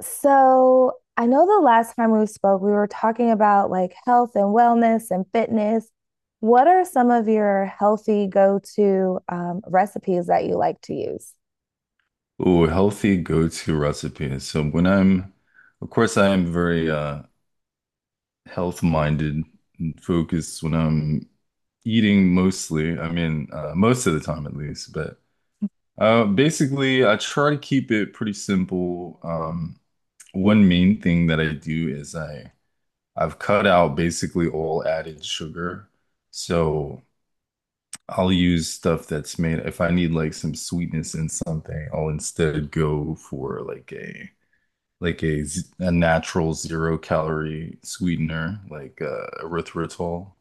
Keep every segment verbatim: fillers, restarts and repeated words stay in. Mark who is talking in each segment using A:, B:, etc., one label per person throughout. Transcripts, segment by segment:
A: So I know the last time we spoke, we were talking about like health and wellness and fitness. What are some of your healthy go-to um, recipes that you like to use?
B: Oh, healthy go-to recipe. So when I'm, of course, I am very uh, Health-minded and focused when I'm eating mostly. I mean, uh, most of the time at least. But uh, basically, I try to keep it pretty simple. Um, one main thing that I do is I I've cut out basically all added sugar. So I'll use stuff that's made. If I need like some sweetness in something, I'll instead go for like a like a z- a natural zero calorie sweetener like uh, erythritol,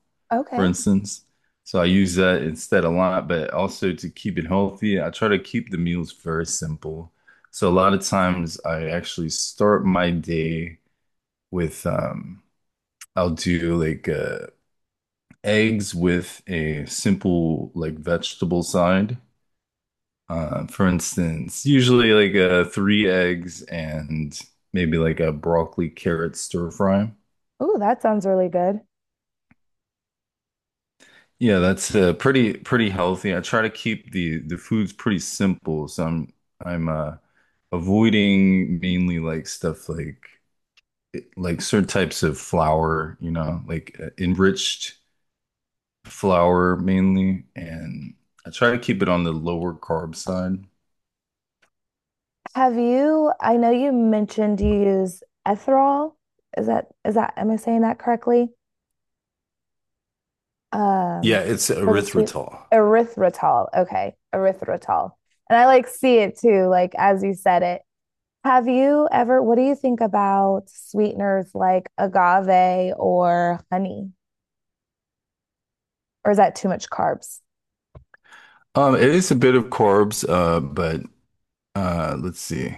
B: for
A: Okay.
B: instance. So I use that instead a lot, but also to keep it healthy, I try to keep the meals very simple. So a lot of times I actually start my day with um I'll do like uh eggs with a simple like vegetable side uh, for instance, usually like uh, three eggs and maybe like a broccoli carrot stir fry.
A: Ooh, that sounds really good.
B: Yeah, that's uh, pretty pretty healthy. I try to keep the the foods pretty simple, so I'm I'm uh, avoiding mainly like stuff like like certain types of flour, you know, like uh, enriched flour mainly, and I try to keep it on the lower carb side.
A: Have you, I know you mentioned you use ethyl. Is that, is that, am I saying that correctly?
B: Yeah,
A: Um,
B: it's
A: for the sweet
B: erythritol.
A: erythritol. Okay. Erythritol. And I like see it too, like as you said it. Have you ever, what do you think about sweeteners like agave or honey? Or is that too much carbs?
B: Um, it is a bit of carbs, uh, but Uh, let's see.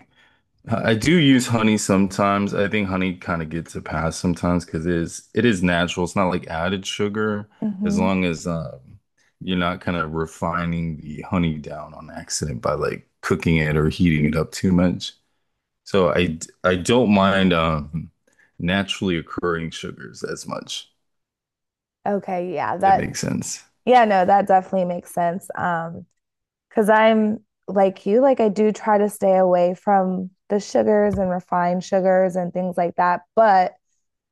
B: I do use honey sometimes. I think honey kind of gets a pass sometimes because it is it is natural. It's not like added sugar as
A: Hmm.
B: long as um, you're not kind of refining the honey down on accident by like cooking it or heating it up too much. So I d- I don't mind um naturally occurring sugars as much,
A: Okay, yeah,
B: if that
A: that,
B: makes sense.
A: yeah, no, that definitely makes sense. Um, because I'm like you, like I do try to stay away from the sugars and refined sugars and things like that, but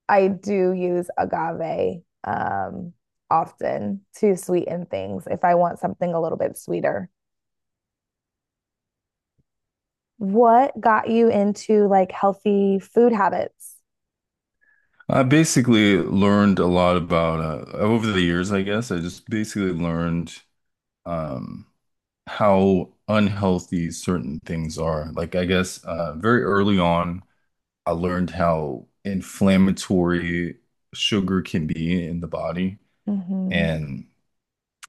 A: I do use agave um often to sweeten things if I want something a little bit sweeter. What got you into like healthy food habits?
B: I basically learned a lot about uh, over the years, I guess. I just basically learned. Um, how unhealthy certain things are. Like I guess uh, very early on, I learned how inflammatory sugar can be in the body,
A: Mm-hmm.
B: and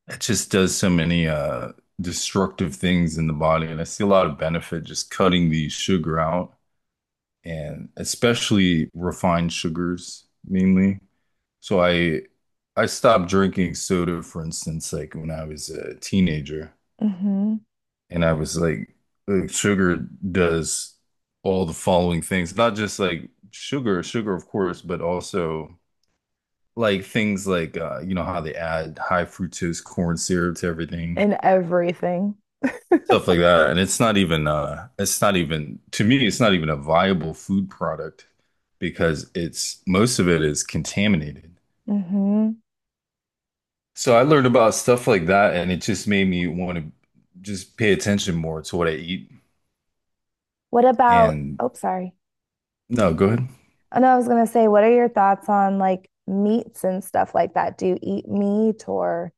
B: it just does so many uh, destructive things in the body. And I see a lot of benefit just cutting the sugar out, and especially refined sugars mainly. So I I stopped drinking soda, for instance, like when I was a teenager.
A: Mm-hmm.
B: And I was like, uh, sugar does all the following things, not just like sugar, sugar, of course, but also like things like, uh, you know, how they add high fructose corn syrup to everything,
A: In everything.
B: stuff like that. And it's not even, uh, it's not even, to me, it's not even a viable food product because it's, most of it is contaminated.
A: Mm-hmm.
B: So I learned about stuff like that and it just made me want to just pay attention more to what I eat.
A: What about,
B: And
A: oh, sorry.
B: no, go ahead.
A: Oh, no, I was gonna say, what are your thoughts on like meats and stuff like that? Do you eat meat or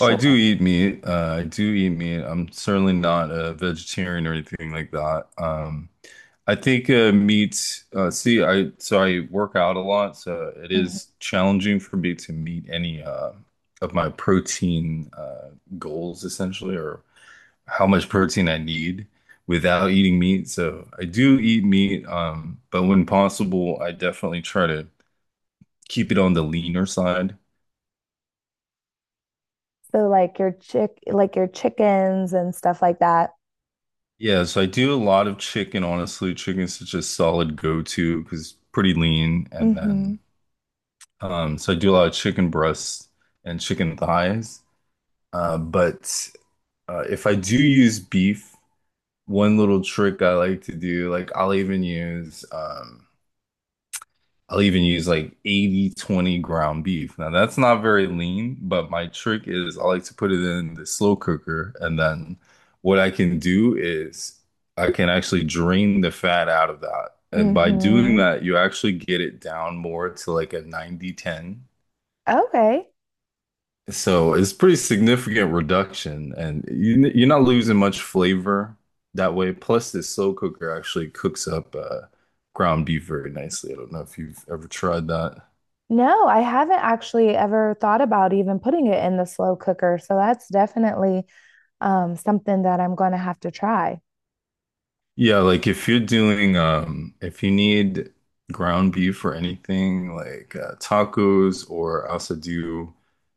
B: Oh, I do
A: or...
B: eat meat. Uh, I do eat meat. I'm certainly not a vegetarian or anything like that. Um, I think uh, meat. Uh, see, I so I work out a lot, so it
A: Mhm.
B: is challenging for me to meet any uh, of my protein uh, goals, essentially, or how much protein I need without eating meat. So I do eat meat, um, but when possible, I definitely try to keep it on the leaner side.
A: So like your chick like your chickens and stuff like that?
B: Yes, I do a lot of chicken, honestly. Chicken's such a solid go-to because it's pretty lean. And
A: Mm-hmm.
B: then, um, so I do a lot of chicken breasts and chicken thighs. Uh, but uh, If I do use beef, one little trick I like to do, like I'll even use um, I'll even use like eighty twenty ground beef. Now that's not very lean, but my trick is I like to put it in the slow cooker. And then what I can do is I can actually drain the fat out of that. And by doing
A: Mm-hmm.
B: that, you actually get it down more to like a ninety ten.
A: Okay.
B: So it's pretty significant reduction. And you, you're not losing much flavor that way. Plus, this slow cooker actually cooks up uh, ground beef very nicely. I don't know if you've ever tried that.
A: No, I haven't actually ever thought about even putting it in the slow cooker. So that's definitely um, something that I'm going to have to try.
B: Yeah, like if you're doing um if you need ground beef or anything like uh, tacos or also do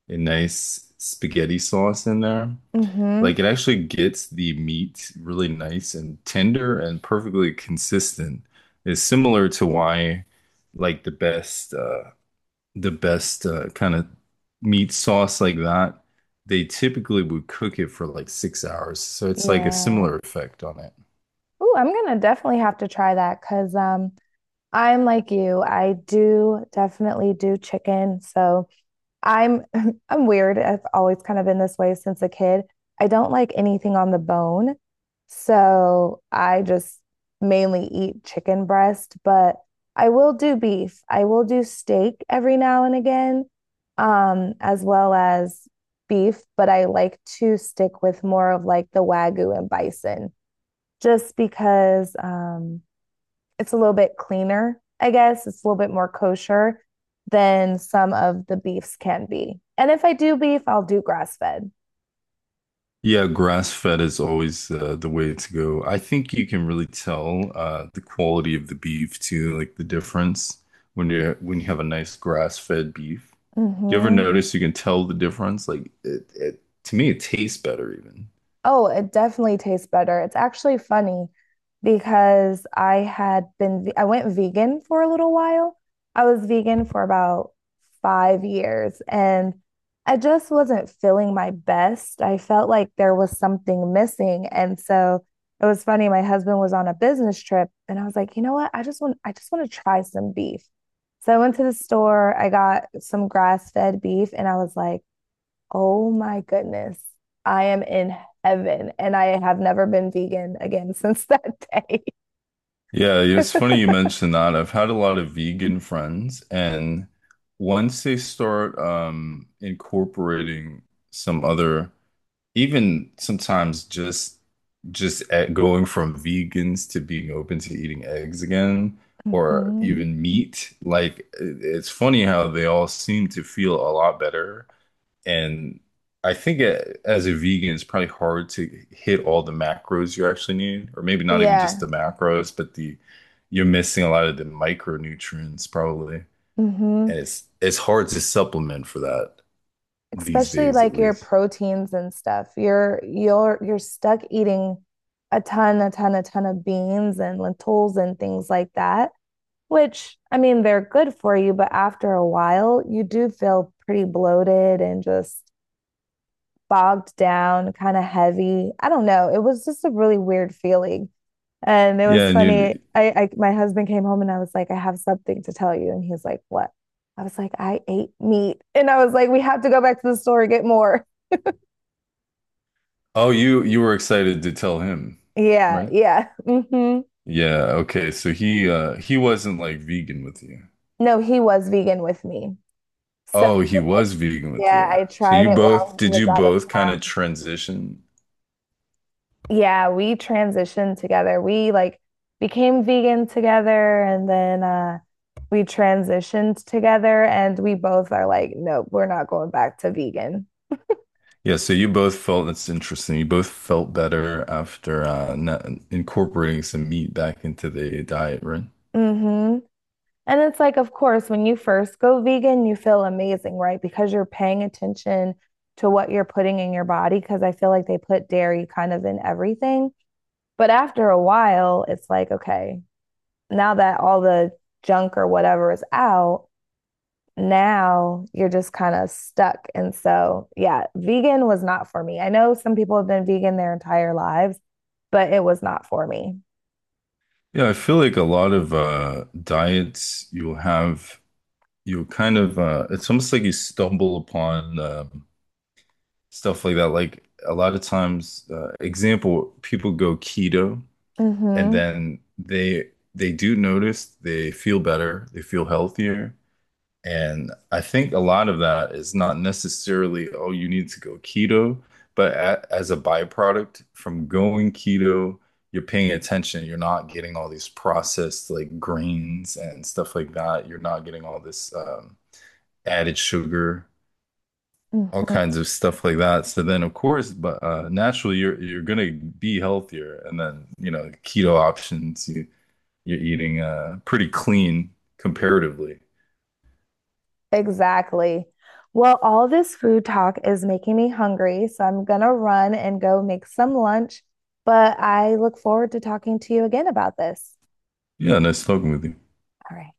B: a nice spaghetti sauce in there.
A: Mm-hmm.
B: Like it actually gets the meat really nice and tender and perfectly consistent. It's similar to why like the best uh the best uh, kind of meat sauce like that, they typically would cook it for like six hours. So it's like a
A: Yeah.
B: similar effect on it.
A: Ooh, I'm going to definitely have to try that because um, I'm like you. I do definitely do chicken. So I'm I'm weird. I've always kind of been this way since a kid. I don't like anything on the bone. So I just mainly eat chicken breast, but I will do beef. I will do steak every now and again, um, as well as beef, but I like to stick with more of like the Wagyu and bison just because um it's a little bit cleaner, I guess. It's a little bit more kosher than some of the beefs can be. And if I do beef, I'll do grass fed.
B: Yeah, grass-fed is always uh, the way to go. I think you can really tell uh, the quality of the beef too, like the difference when you when you have a nice grass-fed beef. You ever
A: Hmm.
B: notice you can tell the difference? Like it, it to me, it tastes better even.
A: Oh, it definitely tastes better. It's actually funny because I had been, I went vegan for a little while. I was vegan for about five years and I just wasn't feeling my best. I felt like there was something missing. And so it was funny. My husband was on a business trip and I was like, you know what? I just want, I just want to try some beef. So I went to the store, I got some grass-fed beef and I was like, oh my goodness. I am in heaven and I have never been vegan again since that day.
B: Yeah, yeah, it's funny you mentioned that. I've had a lot of vegan friends, and once they start um, incorporating some other even sometimes just just at going from vegans to being open to eating eggs again or
A: Hmm.
B: even meat like it- it's funny how they all seem to feel a lot better and I think a- as a vegan it's probably hard to hit all the macros you actually need or maybe not even just
A: Yeah.
B: the macros but the you're missing a lot of the micronutrients probably
A: Hmm.
B: and it's it's hard to supplement for that these
A: Especially
B: days at
A: like your
B: least
A: proteins and stuff. You're you're you're stuck eating a ton, a ton, a ton of beans and lentils and things like that, which I mean they're good for you, but after a while you do feel pretty bloated and just bogged down, kind of heavy. I don't know. It was just a really weird feeling. And it
B: yeah
A: was
B: and
A: funny.
B: you.
A: I, I my husband came home and I was like, I have something to tell you. And he's like, what? I was like, I ate meat. And I was like, we have to go back to the store and get more.
B: Oh, you you were excited to tell him,
A: Yeah,
B: right?
A: yeah. Hmm.
B: Yeah, okay. So he uh he wasn't like vegan with you.
A: No, he was vegan with me. So
B: Oh, he was vegan with
A: yeah,
B: you.
A: I
B: So
A: tried
B: you
A: it while
B: both
A: he
B: did
A: was
B: you
A: out of
B: both kind of
A: town.
B: transition?
A: Yeah, we transitioned together. We like became vegan together and then uh we transitioned together and we both are like, nope, we're not going back to vegan.
B: Yeah, so you both felt that's interesting. You both felt better after uh not incorporating some meat back into the diet, right?
A: Mm-hmm. And it's like, of course, when you first go vegan, you feel amazing, right? Because you're paying attention to what you're putting in your body. Because I feel like they put dairy kind of in everything. But after a while, it's like, okay, now that all the junk or whatever is out, now you're just kind of stuck. And so, yeah, vegan was not for me. I know some people have been vegan their entire lives, but it was not for me.
B: Yeah, I feel like a lot of uh diets you'll have you'll kind of uh it's almost like you stumble upon um stuff like that. Like a lot of times, uh, example, people go keto and
A: Mm-hmm.
B: then they they do notice they feel better, they feel healthier. And I think a lot of that is not necessarily, oh, you need to go keto, but a as a byproduct from going keto, you're paying attention. You're not getting all these processed like grains and stuff like that. You're not getting all this um, added sugar all
A: Mm-hmm.
B: kinds of stuff like that. So then, of course, but uh, naturally, you're you're gonna be healthier, and then you know keto options. You you're eating uh, pretty clean comparatively.
A: Exactly. Well, all this food talk is making me hungry, so I'm gonna run and go make some lunch, but I look forward to talking to you again about this.
B: Yeah, nice talking with you.
A: All right.